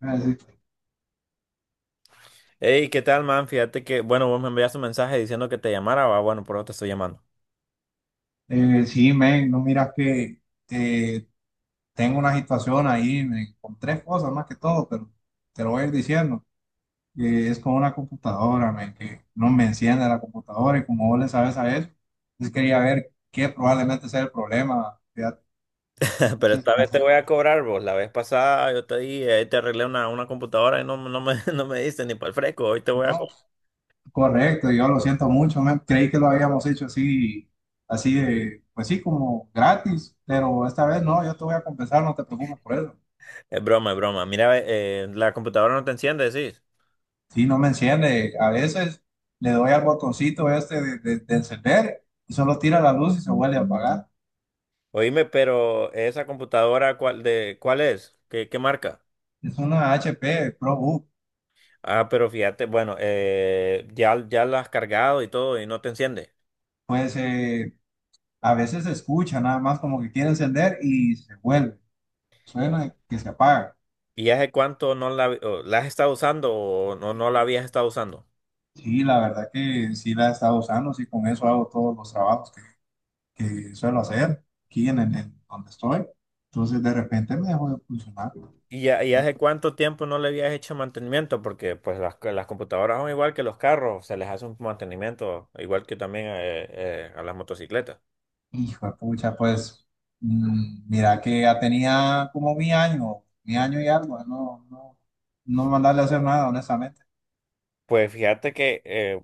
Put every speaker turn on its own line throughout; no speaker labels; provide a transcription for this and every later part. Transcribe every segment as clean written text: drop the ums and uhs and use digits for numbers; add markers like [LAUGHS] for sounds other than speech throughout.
Ah, sí.
Hey, ¿qué tal, man? Fíjate que, bueno, vos me enviaste un mensaje diciendo que te llamara, va, bueno, por eso te estoy llamando.
Sí, men, no miras que eh, tengo una situación ahí, men, con tres cosas más que todo, pero te lo voy a ir diciendo. Que es con una computadora, men, que no me enciende la computadora y como vos le sabes a eso, pues quería ver qué probablemente sea el problema, fíjate.
[LAUGHS]
No
Pero
sé si
esta
me
vez te voy
acordé.
a cobrar, vos. La vez pasada yo te di, te arreglé una computadora y [LAUGHS] no me diste ni para el fresco. Hoy te voy a
No,
cobrar.
correcto, yo lo siento mucho, men, creí que lo habíamos hecho así, así de, pues sí, como gratis, pero esta vez no, yo te voy a compensar, no te preocupes por eso.
Es broma, es broma. Mira, la computadora no te enciende, decís.
Sí, no me enciende. A veces le doy al botoncito este de encender y solo tira la luz y se vuelve a apagar.
Oíme, pero esa computadora, ¿ cuál es? ¿Qué marca?
Es una HP ProBook.
Ah, pero fíjate, bueno, eh, ya la has cargado y todo y no te enciende.
Pues a veces se escucha nada más como que quiere encender y se vuelve. Suena que se apaga.
¿Y hace cuánto no la, o la has estado usando o no la habías estado usando?
Sí, la verdad que sí la he estado usando. Sí, con eso hago todos los trabajos que suelo hacer aquí en, en donde estoy. Entonces de repente me dejó de funcionar.
¿Y hace cuánto tiempo no le habías hecho mantenimiento? Porque pues las computadoras son igual que los carros, se les hace un mantenimiento, igual que también a las motocicletas.
Hijo de pucha, pues mira que ya tenía como mi año y algo, no mandarle a hacer nada, honestamente.
Pues fíjate que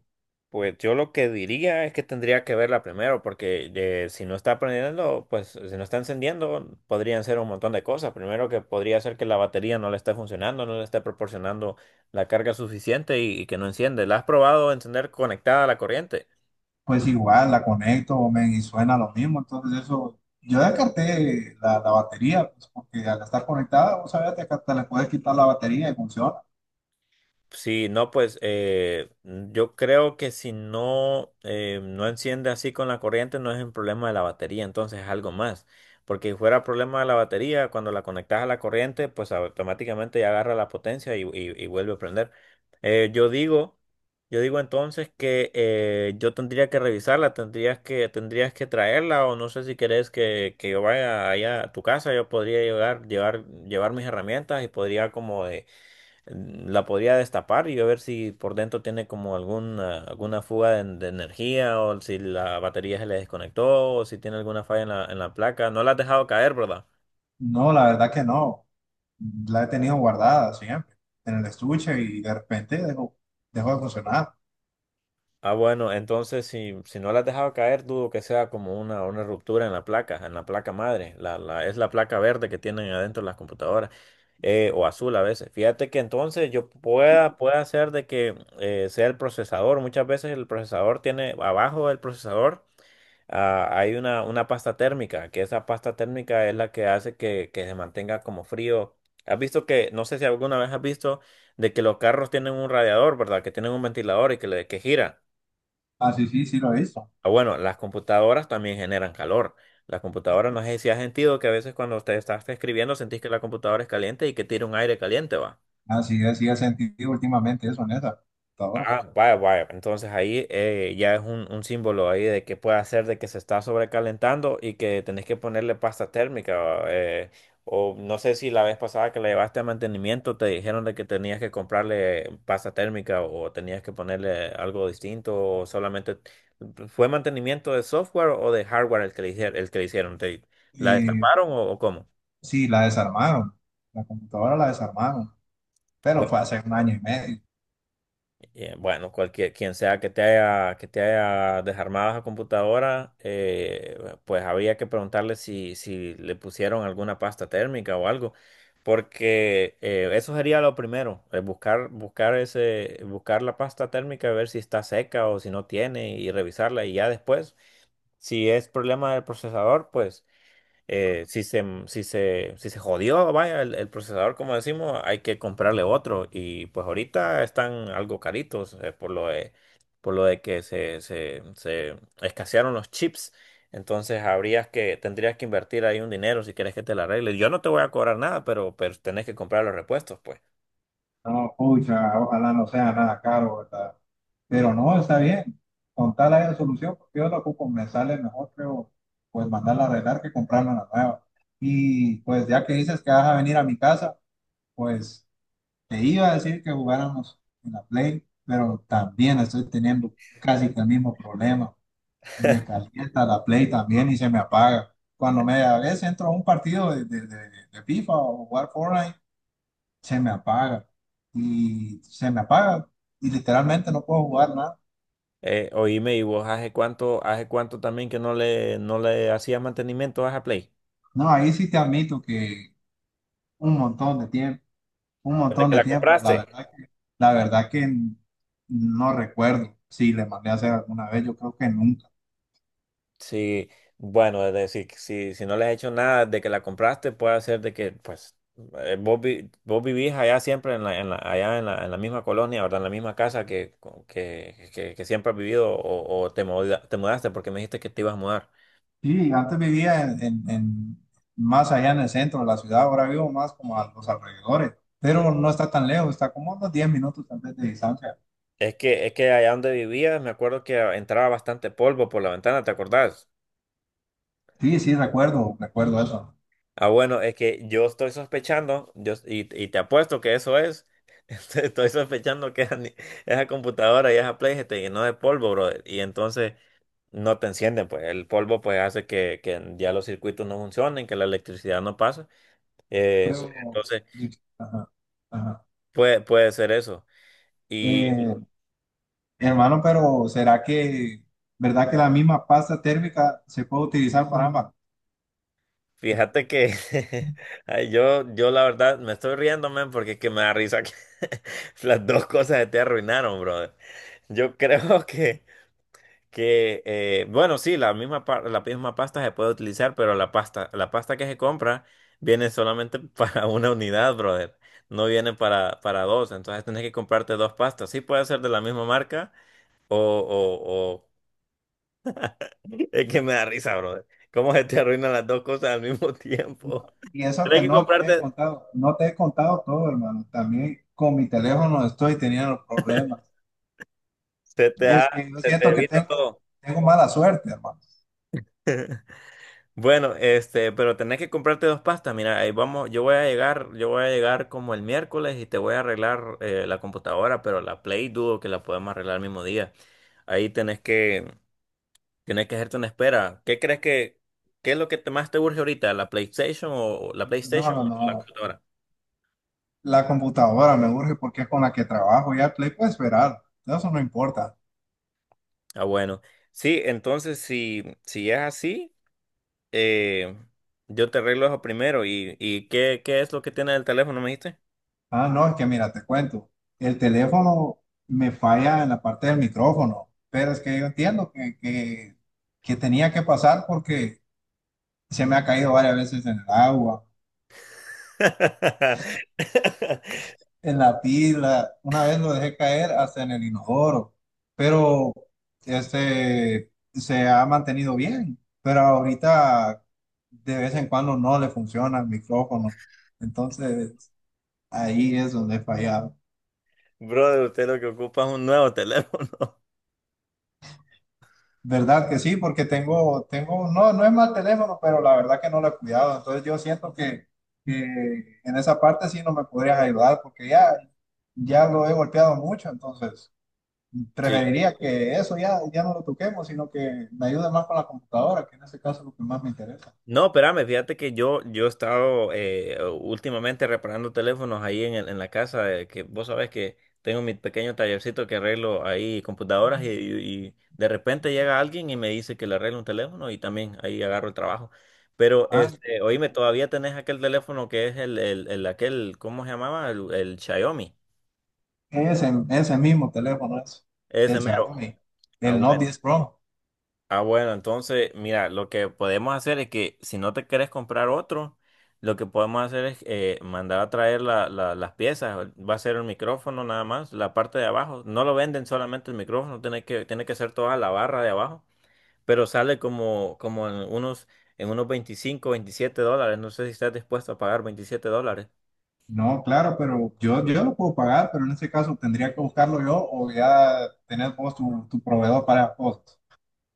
pues yo lo que diría es que tendría que verla primero, porque si no está prendiendo, pues si no está encendiendo, podrían ser un montón de cosas. Primero que podría ser que la batería no le esté funcionando, no le esté proporcionando la carga suficiente y que no enciende. ¿La has probado encender conectada a la corriente?
Pues igual la conecto, men, y suena lo mismo, entonces eso, yo descarté la batería, pues porque al estar conectada, vos sabés que hasta le puedes quitar la batería y funciona.
Sí, no, pues yo creo que si no, no enciende así con la corriente, no es un problema de la batería, entonces es algo más. Porque si fuera problema de la batería, cuando la conectas a la corriente, pues automáticamente ya agarra la potencia y vuelve a prender. Eh, yo digo, yo digo entonces que yo tendría que revisarla, tendrías que traerla, o no sé si querés que yo vaya allá a tu casa, yo podría llegar, llevar mis herramientas y podría como de la podría destapar y a ver si por dentro tiene como alguna fuga de energía o si la batería se le desconectó o si tiene alguna falla en la placa. No la has dejado caer, ¿verdad?
No, la verdad que no, la he tenido guardada siempre en el estuche y de repente dejó de funcionar.
Ah, bueno, entonces si, si no la has dejado caer, dudo que sea como una ruptura en la placa madre. Es la placa verde que tienen adentro las computadoras o azul a veces. Fíjate que entonces yo pueda hacer de que sea el procesador. Muchas veces el procesador tiene abajo del procesador. Ah, hay una pasta térmica, que esa pasta térmica es la que hace que se mantenga como frío. Has visto que, no sé si alguna vez has visto, de que los carros tienen un radiador, ¿verdad? Que tienen un ventilador que gira.
Ah, sí, sí, sí lo he visto.
Ah, bueno, las computadoras también generan calor. Las computadoras, no sé si has sentido que a veces cuando te estás escribiendo sentís que la computadora es caliente y que tira un aire caliente, ¿va?
Así es, sí he sentido últimamente eso en esa computadora.
Ah, vaya, vaya. Entonces ahí ya es un símbolo ahí de que puede hacer de que se está sobrecalentando y que tenés que ponerle pasta térmica. O no sé si la vez pasada que la llevaste a mantenimiento te dijeron de que tenías que comprarle pasta térmica o tenías que ponerle algo distinto o solamente fue mantenimiento de software o de hardware el que le hicieron. ¿ la
Eh,
destaparon o cómo?
sí, la desarmaron. La computadora la desarmaron. Pero fue hace un año y medio.
Bueno, cualquier, quien sea que que te haya desarmado esa computadora, pues había que preguntarle si, si le pusieron alguna pasta térmica o algo, porque eso sería lo primero, eh, buscar ese, buscar la pasta térmica, ver si está seca o si no tiene y revisarla y ya después, si es problema del procesador, pues si se jodió, vaya, el procesador, como decimos, hay que comprarle otro. Y pues ahorita están algo caritos, por lo de se escasearon los chips. Entonces tendrías que invertir ahí un dinero si quieres que te la arregle. Yo no te voy a cobrar nada, pero tenés que comprar los repuestos, pues.
No, pucha, ojalá no sea nada caro, ¿verdad? Pero no, está bien. Con tal haya solución, porque yo lo ocupo, me sale mejor, creo, pues mandarla a arreglar que comprarme una nueva. Y pues ya que dices que vas a venir a mi casa, pues te iba a decir que jugáramos en la Play, pero también estoy teniendo casi que el mismo problema. Me
[LAUGHS]
calienta la Play también y se me apaga. Cuando me a veces entro a un partido de FIFA o jugar Fortnite, se me apaga y se me apaga y literalmente no puedo jugar nada.
Oíme, ¿y vos hace cuánto también que no le hacías mantenimiento a esa Play?
No, ahí sí te admito que un montón de tiempo, un
¿Desde
montón
que
de
la
tiempo,
compraste?
la verdad que no recuerdo si le mandé a hacer alguna vez, yo creo que nunca.
Sí, bueno, es decir, que si, si no le has hecho nada de que la compraste, puede ser de que, pues, vos vivís allá siempre en allá en en la misma colonia, ¿verdad? En la misma casa que siempre has vivido o te mudaste porque me dijiste que te ibas a mudar.
Sí, antes vivía en, más allá en el centro de la ciudad, ahora vivo más como a los alrededores, pero no está tan lejos, está como a unos 10 minutos tal vez de distancia.
Es que allá donde vivías, me acuerdo que entraba bastante polvo por la ventana, ¿te acordás?
Sí, sí, recuerdo eso.
Ah, bueno, es que yo estoy sospechando, y te apuesto que eso es. [LAUGHS] Estoy sospechando que esa ni- esa computadora y esa Play se te llenó de polvo, brother. Y entonces no te encienden, pues el polvo pues hace que ya los circuitos no funcionen, que la electricidad no pasa.
Pero,
Entonces
ajá, ajá.
puede ser eso. Y
Eh, Hermano, pero ¿será que, verdad que la misma pasta térmica se puede utilizar para ambas?
fíjate que [LAUGHS] ay, yo la verdad me estoy riendo, man, porque es que me da risa que [LAUGHS] las dos cosas se te arruinaron, brother. Yo creo [LAUGHS] que... bueno, sí, la misma pasta se puede utilizar, pero la pasta que se compra viene solamente [LAUGHS] para una unidad, brother. No viene para dos, entonces tenés que comprarte dos pastas. Sí puede ser de la misma marca o... Es que me da risa, brother. ¿Cómo se te arruinan las dos cosas al mismo [LAUGHS] tiempo?
Y eso
Tenés
que
que
no te he
comprarte,
contado, no te he contado todo, hermano. También con mi teléfono estoy teniendo problemas.
se te
Es
ha,
que yo
Se te
siento que
evita todo.
tengo mala suerte, hermano.
[LAUGHS] Bueno, este, pero tenés que comprarte dos pastas. Mira, ahí vamos, yo voy a llegar como el miércoles y te voy a arreglar la computadora, pero la Play dudo que la podemos arreglar el mismo día. Ahí tenés que, Tenés que hacerte una espera. ¿Qué es lo que más te urge ahorita? ¿La PlayStation o la
No,
PlayStation
no,
o la
no.
computadora?
La computadora me urge porque es con la que trabajo. Ya el Play puede esperar. Eso no importa.
Ah, bueno. Sí, entonces si, si es así, eh, yo te arreglo eso primero. ¿Y qué es lo que tiene el teléfono, me dijiste?
Ah, no, es que mira, te cuento. El teléfono me falla en la parte del micrófono. Pero es que yo entiendo que tenía que pasar porque se me ha caído varias veces en el agua,
[LAUGHS]
en la pila, una vez lo dejé caer hasta en el inodoro, pero este se ha mantenido bien, pero ahorita de vez en cuando no le funciona el micrófono, entonces ahí es donde he fallado.
Brother, usted lo que ocupa es un nuevo teléfono. [LAUGHS]
¿Verdad que sí? Porque no, no es mal teléfono, pero la verdad que no lo he cuidado, entonces yo siento que en esa parte sí no me podrías ayudar porque ya, ya lo he golpeado mucho, entonces
Sí.
preferiría que eso ya, ya no lo toquemos, sino que me ayude más con la computadora, que en ese caso es lo que más me interesa.
No, espérame, fíjate que yo he estado últimamente reparando teléfonos ahí en, en la casa, que vos sabés que tengo mi pequeño tallercito que arreglo ahí computadoras y de repente llega alguien y me dice que le arreglo un teléfono y también ahí agarro el trabajo. Pero,
Ah,
este, oíme, todavía tenés aquel teléfono que es el aquel, ¿cómo se llamaba? El Xiaomi.
ese mismo teléfono es
Ese
el
mero.
Xiaomi,
Ah,
el
bueno.
Note 10 Pro.
Ah, bueno, entonces, mira, lo que podemos hacer es que si no te quieres comprar otro, lo que podemos hacer es mandar a traer las piezas. Va a ser el micrófono nada más, la parte de abajo. No lo venden solamente el micrófono, tiene que ser toda la barra de abajo, pero sale como en unos $25, $27. No sé si estás dispuesto a pagar $27.
No, claro, pero yo lo puedo pagar, pero en ese caso tendría que buscarlo yo o ya tener vos tu, tu proveedor para vos.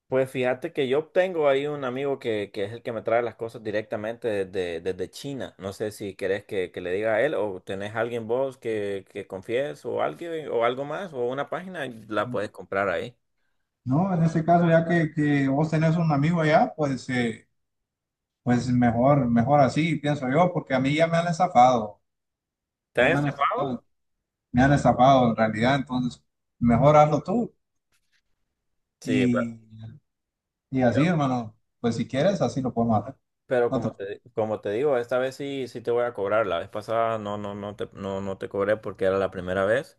Pues fíjate que yo tengo ahí un amigo que es el que me trae las cosas directamente desde, desde China. No sé si querés que le diga a él o tenés alguien vos que confíes o alguien o algo más o una página y la puedes comprar ahí.
No, en ese caso, ya que vos tenés un amigo allá, pues, pues mejor así, pienso yo, porque a mí ya me han estafado, ya me
¿Estás
han
encerrado?
estafado, me han estafado en realidad, entonces mejor hazlo tú.
Sí, pe-
Y, y así, hermano, pues si quieres, así lo podemos hacer.
pero
No, te-
como te digo, esta vez sí, sí te voy a cobrar. La vez pasada no te cobré porque era la primera vez.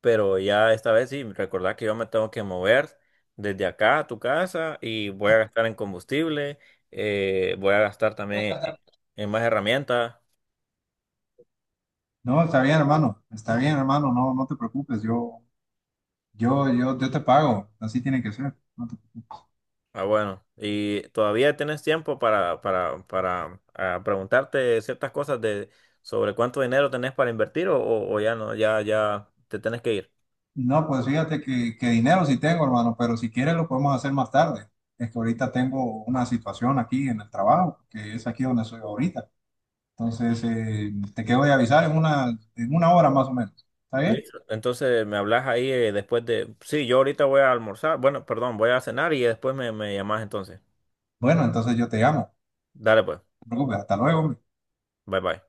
Pero ya esta vez sí, recordá que yo me tengo que mover desde acá a tu casa y voy a gastar en combustible, voy a gastar también en más herramientas.
no, está bien, hermano, no, no te preocupes, yo te pago, así tiene que ser. No, te preocupes.
Ah, bueno, y todavía tienes tiempo para preguntarte ciertas cosas de sobre cuánto dinero tenés para invertir o, o ya no, ya te tenés que ir.
No, pues fíjate que dinero sí tengo, hermano, pero si quieres lo podemos hacer más tarde. Es que ahorita tengo una situación aquí en el trabajo, que es aquí donde soy ahorita. Entonces, te quedo de avisar en una hora más o menos. ¿Está bien?
Listo. Entonces me hablas ahí después de... Sí, yo ahorita voy a almorzar, bueno, perdón, voy a cenar y después me llamás entonces.
Bueno, entonces yo te llamo. No
Dale pues,
te preocupes, hasta luego, hombre.
bye bye.